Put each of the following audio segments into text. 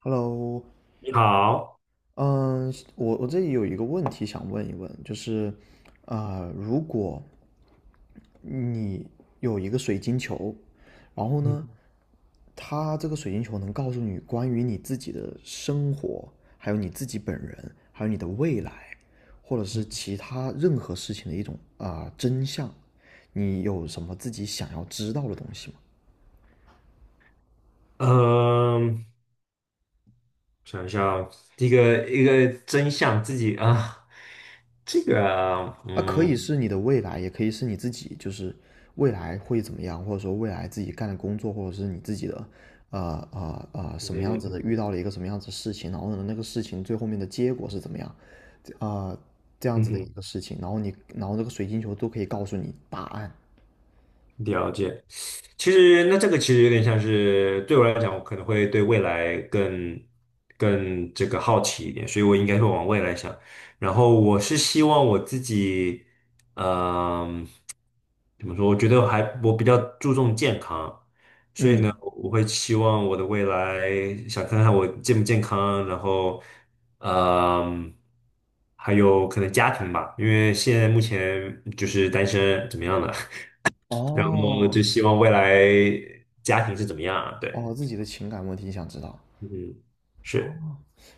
Hello，你好。嗯，我这里有一个问题想问一问，就是，如果你有一个水晶球，然后嗯呢，它这个水晶球能告诉你关于你自己的生活，还有你自己本人，还有你的未来，或者嗯。是其他任何事情的一种真相，你有什么自己想要知道的东西吗？嗯，想一下哦一个一个真相自己啊，这个啊，它可以是你的未来，也可以是你自己，就是未来会怎么样，或者说未来自己干的工作，或者是你自己的，嗯什么样子的，遇嗯到了一个什么样子的事情，然后呢，那个事情最后面的结果是怎么样，啊、呃，这样嗯子的一哼，个事情，然后你，然后这个水晶球都可以告诉你答案。了解。其实那这个其实有点像是，对我来讲，我可能会对未来更这个好奇一点，所以我应该会往未来想。然后我是希望我自己，嗯，怎么说？我觉得我比较注重健康，嗯，我会期望我的未来，想看看我健不健康。然后，嗯，还有可能家庭吧，因为现在目前就是单身，怎么样的，然后哦就希望未来家庭是怎么样，啊？对。哦，自己的情感问题你想知道？嗯，哦。是。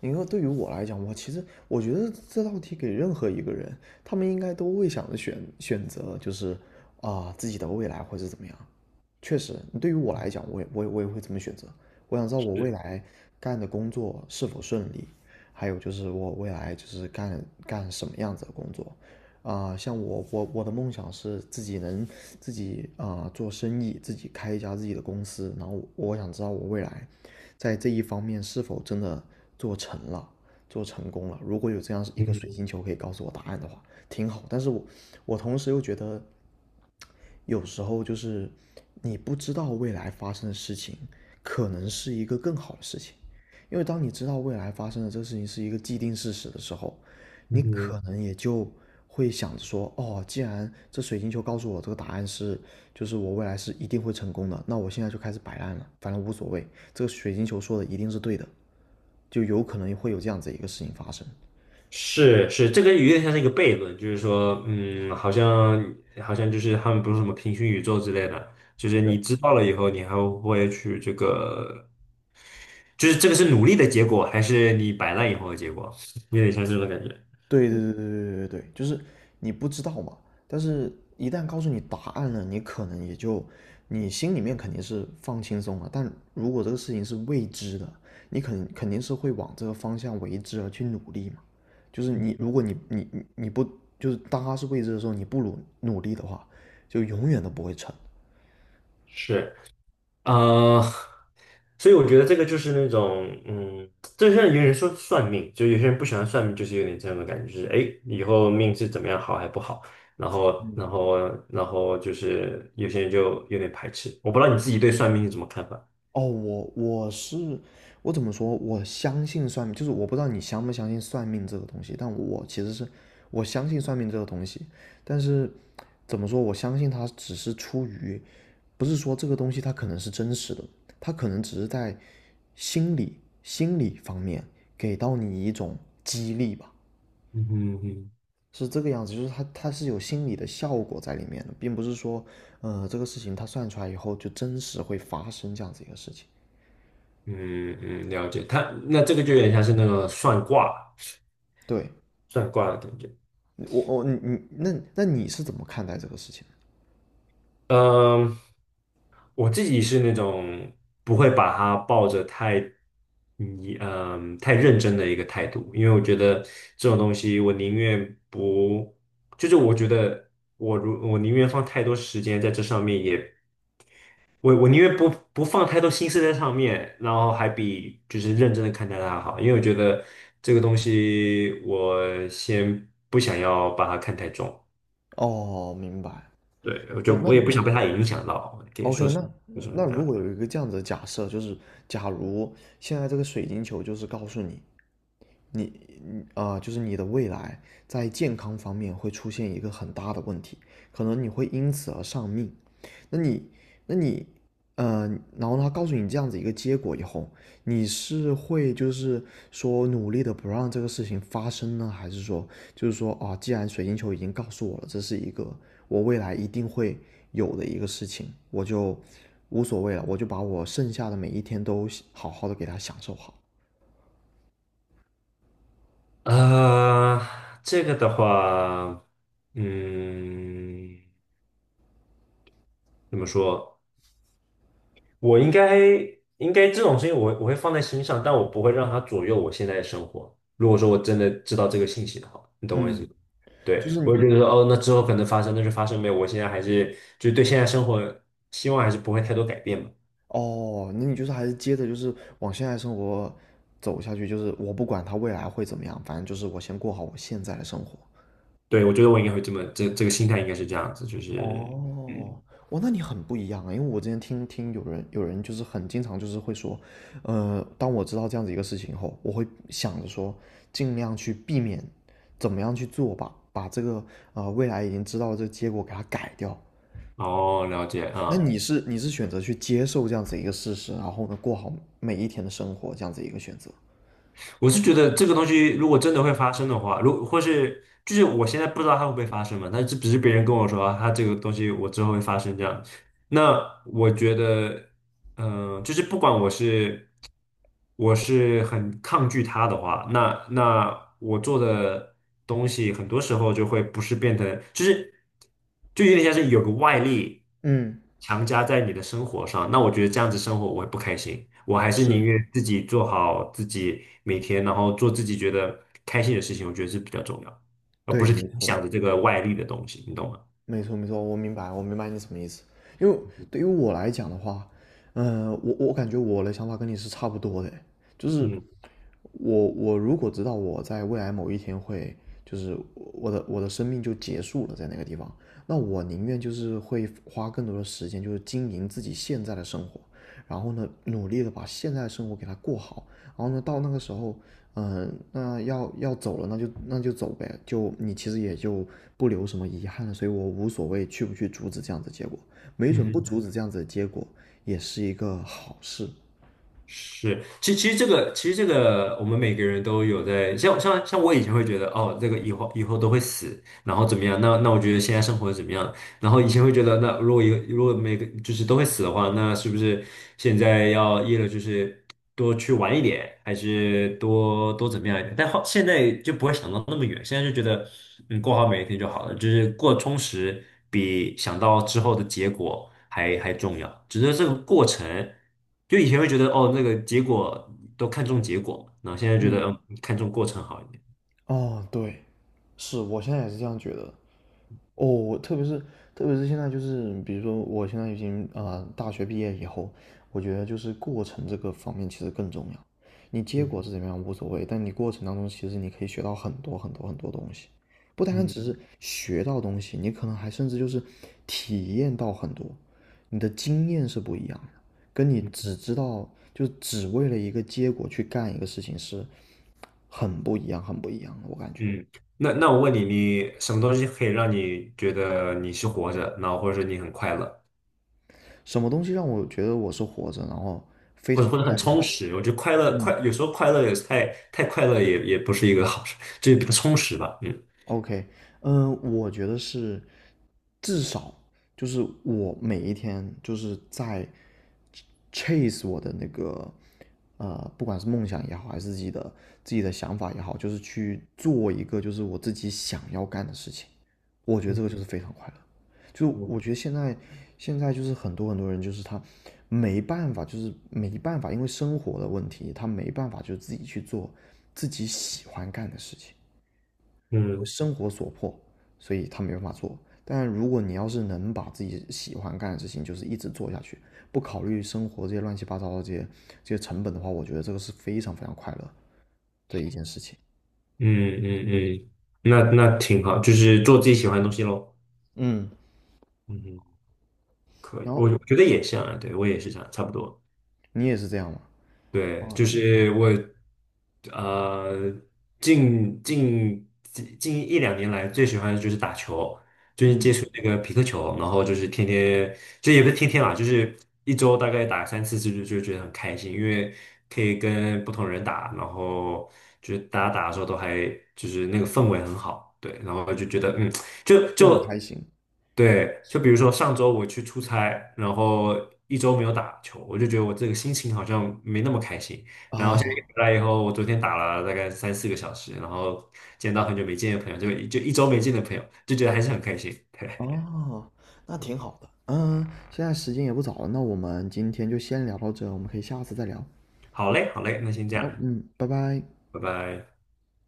你说对于我来讲，我其实我觉得这道题给任何一个人，他们应该都会想着选择，就是自己的未来或者怎么样。确实，对于我来讲，我也会这么选择。我想知道我未是。来干的工作是否顺利，还有就是我未来就是干什么样子的工作。像我我的梦想是自己能自己做生意，自己开一家自己的公司。然后我想知道我未来在这一方面是否真的做成了，做成功了。如果有这样一个水嗯，晶球可以告诉我答案的话，挺好。但是我同时又觉得有时候就是你不知道未来发生的事情，可能是一个更好的事情，因为当你知道未来发生的这个事情是一个既定事实的时候，你嗯哼。可能也就会想着说，哦，既然这水晶球告诉我这个答案是，就是我未来是一定会成功的，那我现在就开始摆烂了，反正无所谓，这个水晶球说的一定是对的，就有可能会有这样子一个事情发生。是是，这个有点像是一个悖论。就是说，嗯，好像就是，他们不是什么平行宇宙之类的，就是你知道了以后，你还会去这个，就是这个是努力的结果，还是你摆烂以后的结果，有点像是这种感觉。对对对对对对对，就是你不知道嘛，但是一旦告诉你答案了，你可能也就你心里面肯定是放轻松了，但如果这个事情是未知的，你肯定是会往这个方向为之而去努力嘛。就是你，如果你不就是当它是未知的时候，你不努力的话，就永远都不会成。是。呃，所以我觉得这个就是那种，嗯，就像有人说算命，就有些人不喜欢算命，就是有点这样的感觉。就是哎，诶以后命是怎么样，好还不好，然后，然后，然后就是有些人就有点排斥。我不知道你自己对算命是怎么看法？哦，我怎么说？我相信算命，就是我不知道你相不相信算命这个东西，但我其实是我相信算命这个东西，但是怎么说？我相信它只是出于，不是说这个东西它可能是真实的，它可能只是在心理方面给到你一种激励吧，嗯哼。嗯。是这个样子，就是它是有心理的效果在里面的，并不是说，这个事情它算出来以后就真实会发生这样子一个事情，嗯，嗯，了解。那这个就有点像是那个算卦、对。的感觉。我我你你那那你是怎么看待这个事情嗯，我自己是那种不会把它抱着太太认真的一个态度，因为我觉得这种东西，我宁愿不，就是我觉得我宁愿放太多时间在这上面也，我宁愿不放太多心思在上面，然后还比就是认真的看待它好，因为我觉得这个东西我先不想要把它看太重。的？哦，明白。对，我就不，那我也不那 想被它影响到，可以 OK，说是。那就是那这如样。果有一个这样子的假设，就是假如现在这个水晶球就是告诉你，就是你的未来在健康方面会出现一个很大的问题，可能你会因此而丧命。那你，那你，呃，然后他告诉你这样子一个结果以后，你是会就是说努力的不让这个事情发生呢，还是说就是说啊，既然水晶球已经告诉我了，这是一个我未来一定会有的一个事情，我就无所谓了，我就把我剩下的每一天都好好的给他享受好。呃，这个的话，嗯，怎么说？我应该应该这种事情，我会放在心上，但我不会让它左右我现在的生活。如果说我真的知道这个信息的话，你懂我意思吗？嗯，就对，是我会觉你得说，哦，那之后可能发生，那就发生呗。我现在还是就对现在生活希望还是不会太多改变嘛。哦，那你就是还是接着就是往现在生活走下去，就是我不管他未来会怎么样，反正就是我先过好我现在的生活。对，我觉得我应该会这么，这个心态应该是这样子，就是，嗯。哦，哇，那你很不一样啊！因为我之前听有人就是很经常就是会说，当我知道这样子一个事情后，我会想着说，尽量去避免，怎么样去做吧，把这个未来已经知道的这个结果给它改掉。哦，了解那啊。你是选择去接受这样子一个事实，然后呢过好每一天的生活这样子一个选择。我是觉得这个东西如果真的会发生的话，如或是就是我现在不知道它会不会发生嘛，但是只是别人跟我说啊，它这个东西我之后会发生这样。那我觉得，嗯、就是不管我是。我是很抗拒他的话，那我做的东西很多时候就会不是变成，就是就有点像是有个外力嗯，强加在你的生活上，那我觉得这样子生活我会不开心，我还是宁是。愿自己做好自己每天，然后做自己觉得开心的事情，我觉得是比较重要，而不对，是没听错。想着这个外力的东西，你懂吗？没错，没错，我明白，我明白你什么意思。因为对于我来讲的话，我感觉我的想法跟你是差不多的，就是嗯，我如果知道我在未来某一天会，就是我的生命就结束了在那个地方，那我宁愿就是会花更多的时间，就是经营自己现在的生活，然后呢，努力的把现在的生活给它过好，然后呢，到那个时候，嗯、那要走了，那就走呗，就你其实也就不留什么遗憾了，所以我无所谓去不去阻止这样子的结果，没嗯准不阻止哼。这样子的结果也是一个好事。是，其实这个我们每个人都有在，像我以前会觉得哦，这个以后都会死，然后怎么样？那我觉得现在生活怎么样？然后以前会觉得，那如果一个如果每个就是都会死的话，那是不是现在要一了，就是多去玩一点，还是多怎么样一点？但后现在就不会想到那么远，现在就觉得嗯，过好每一天就好了，就是过充实比想到之后的结果还重要。只是这个过程，就以前会觉得哦，那个结果都看重结果嘛，然后现在觉得嗯。嗯，看重过程好一点。哦，对，是我现在也是这样觉得。哦，我特别是现在就是，比如说我现在已经大学毕业以后，我觉得就是过程这个方面其实更重要。你结果是嗯。怎么样无所谓，但你过程当中其实你可以学到很多很多很多东西，不单单嗯。只是学到东西，你可能还甚至就是体验到很多，你的经验是不一样的，跟你嗯，只知道就只为了一个结果去干一个事情是很不一样，很不一样的，我感觉。嗯。那我问你，你什么东西可以让你觉得你是活着，然后或者说你很快乐，什么东西让我觉得我是活着，然后非或者常快很乐？充实？我觉得快乐，嗯有时候快乐也是太，快乐也不是一个好事，就是比较充实吧。嗯。，OK，嗯，我觉得是至少就是我每一天就是在 chase 我的那个不管是梦想也好，还是自己的想法也好，就是去做一个就是我自己想要干的事情。我觉得这个就是非常快乐。就嗯。我觉得现在就是很多很多人就是他没办法，就是没办法，因为生活的问题，他没办法就自己去做自己喜欢干的事情，因为嗯。生活所迫，所以他没办法做。但如果你要是能把自己喜欢干的事情，就是一直做下去，不考虑生活这些乱七八糟的这些成本的话，我觉得这个是非常非常快乐的一件事情。嗯。嗯。嗯。嗯。那挺好，就是做自己喜欢的东西喽。嗯，嗯，可以。然后我觉得也像啊，对我也是这样，差不多。你也是这样吗？对，啊，就是我，呃，近近近一两年来最喜欢的就是打球，就是接嗯，触那个匹克球，然后就是天天，就也不是天天啦，就是一周大概打三四次，就觉得很开心，因为可以跟不同人打，然后就是大家打的时候都还就是那个氛围很好。对，然后就觉得嗯，就很就开心。对，就比是。如说上周我去出差，然后一周没有打球，我就觉得我这个心情好像没那么开心。然后现在一哦回来以后，我昨天打了大概三四个小时，然后见到很久没见的朋友，就一周没见的朋友，就觉得还是很开心。对，哦，那挺好的。嗯，现在时间也不早了，那我们今天就先聊到这，我们可以下次再聊。好嘞，好嘞，那先这样，好，嗯，拜拜。拜拜。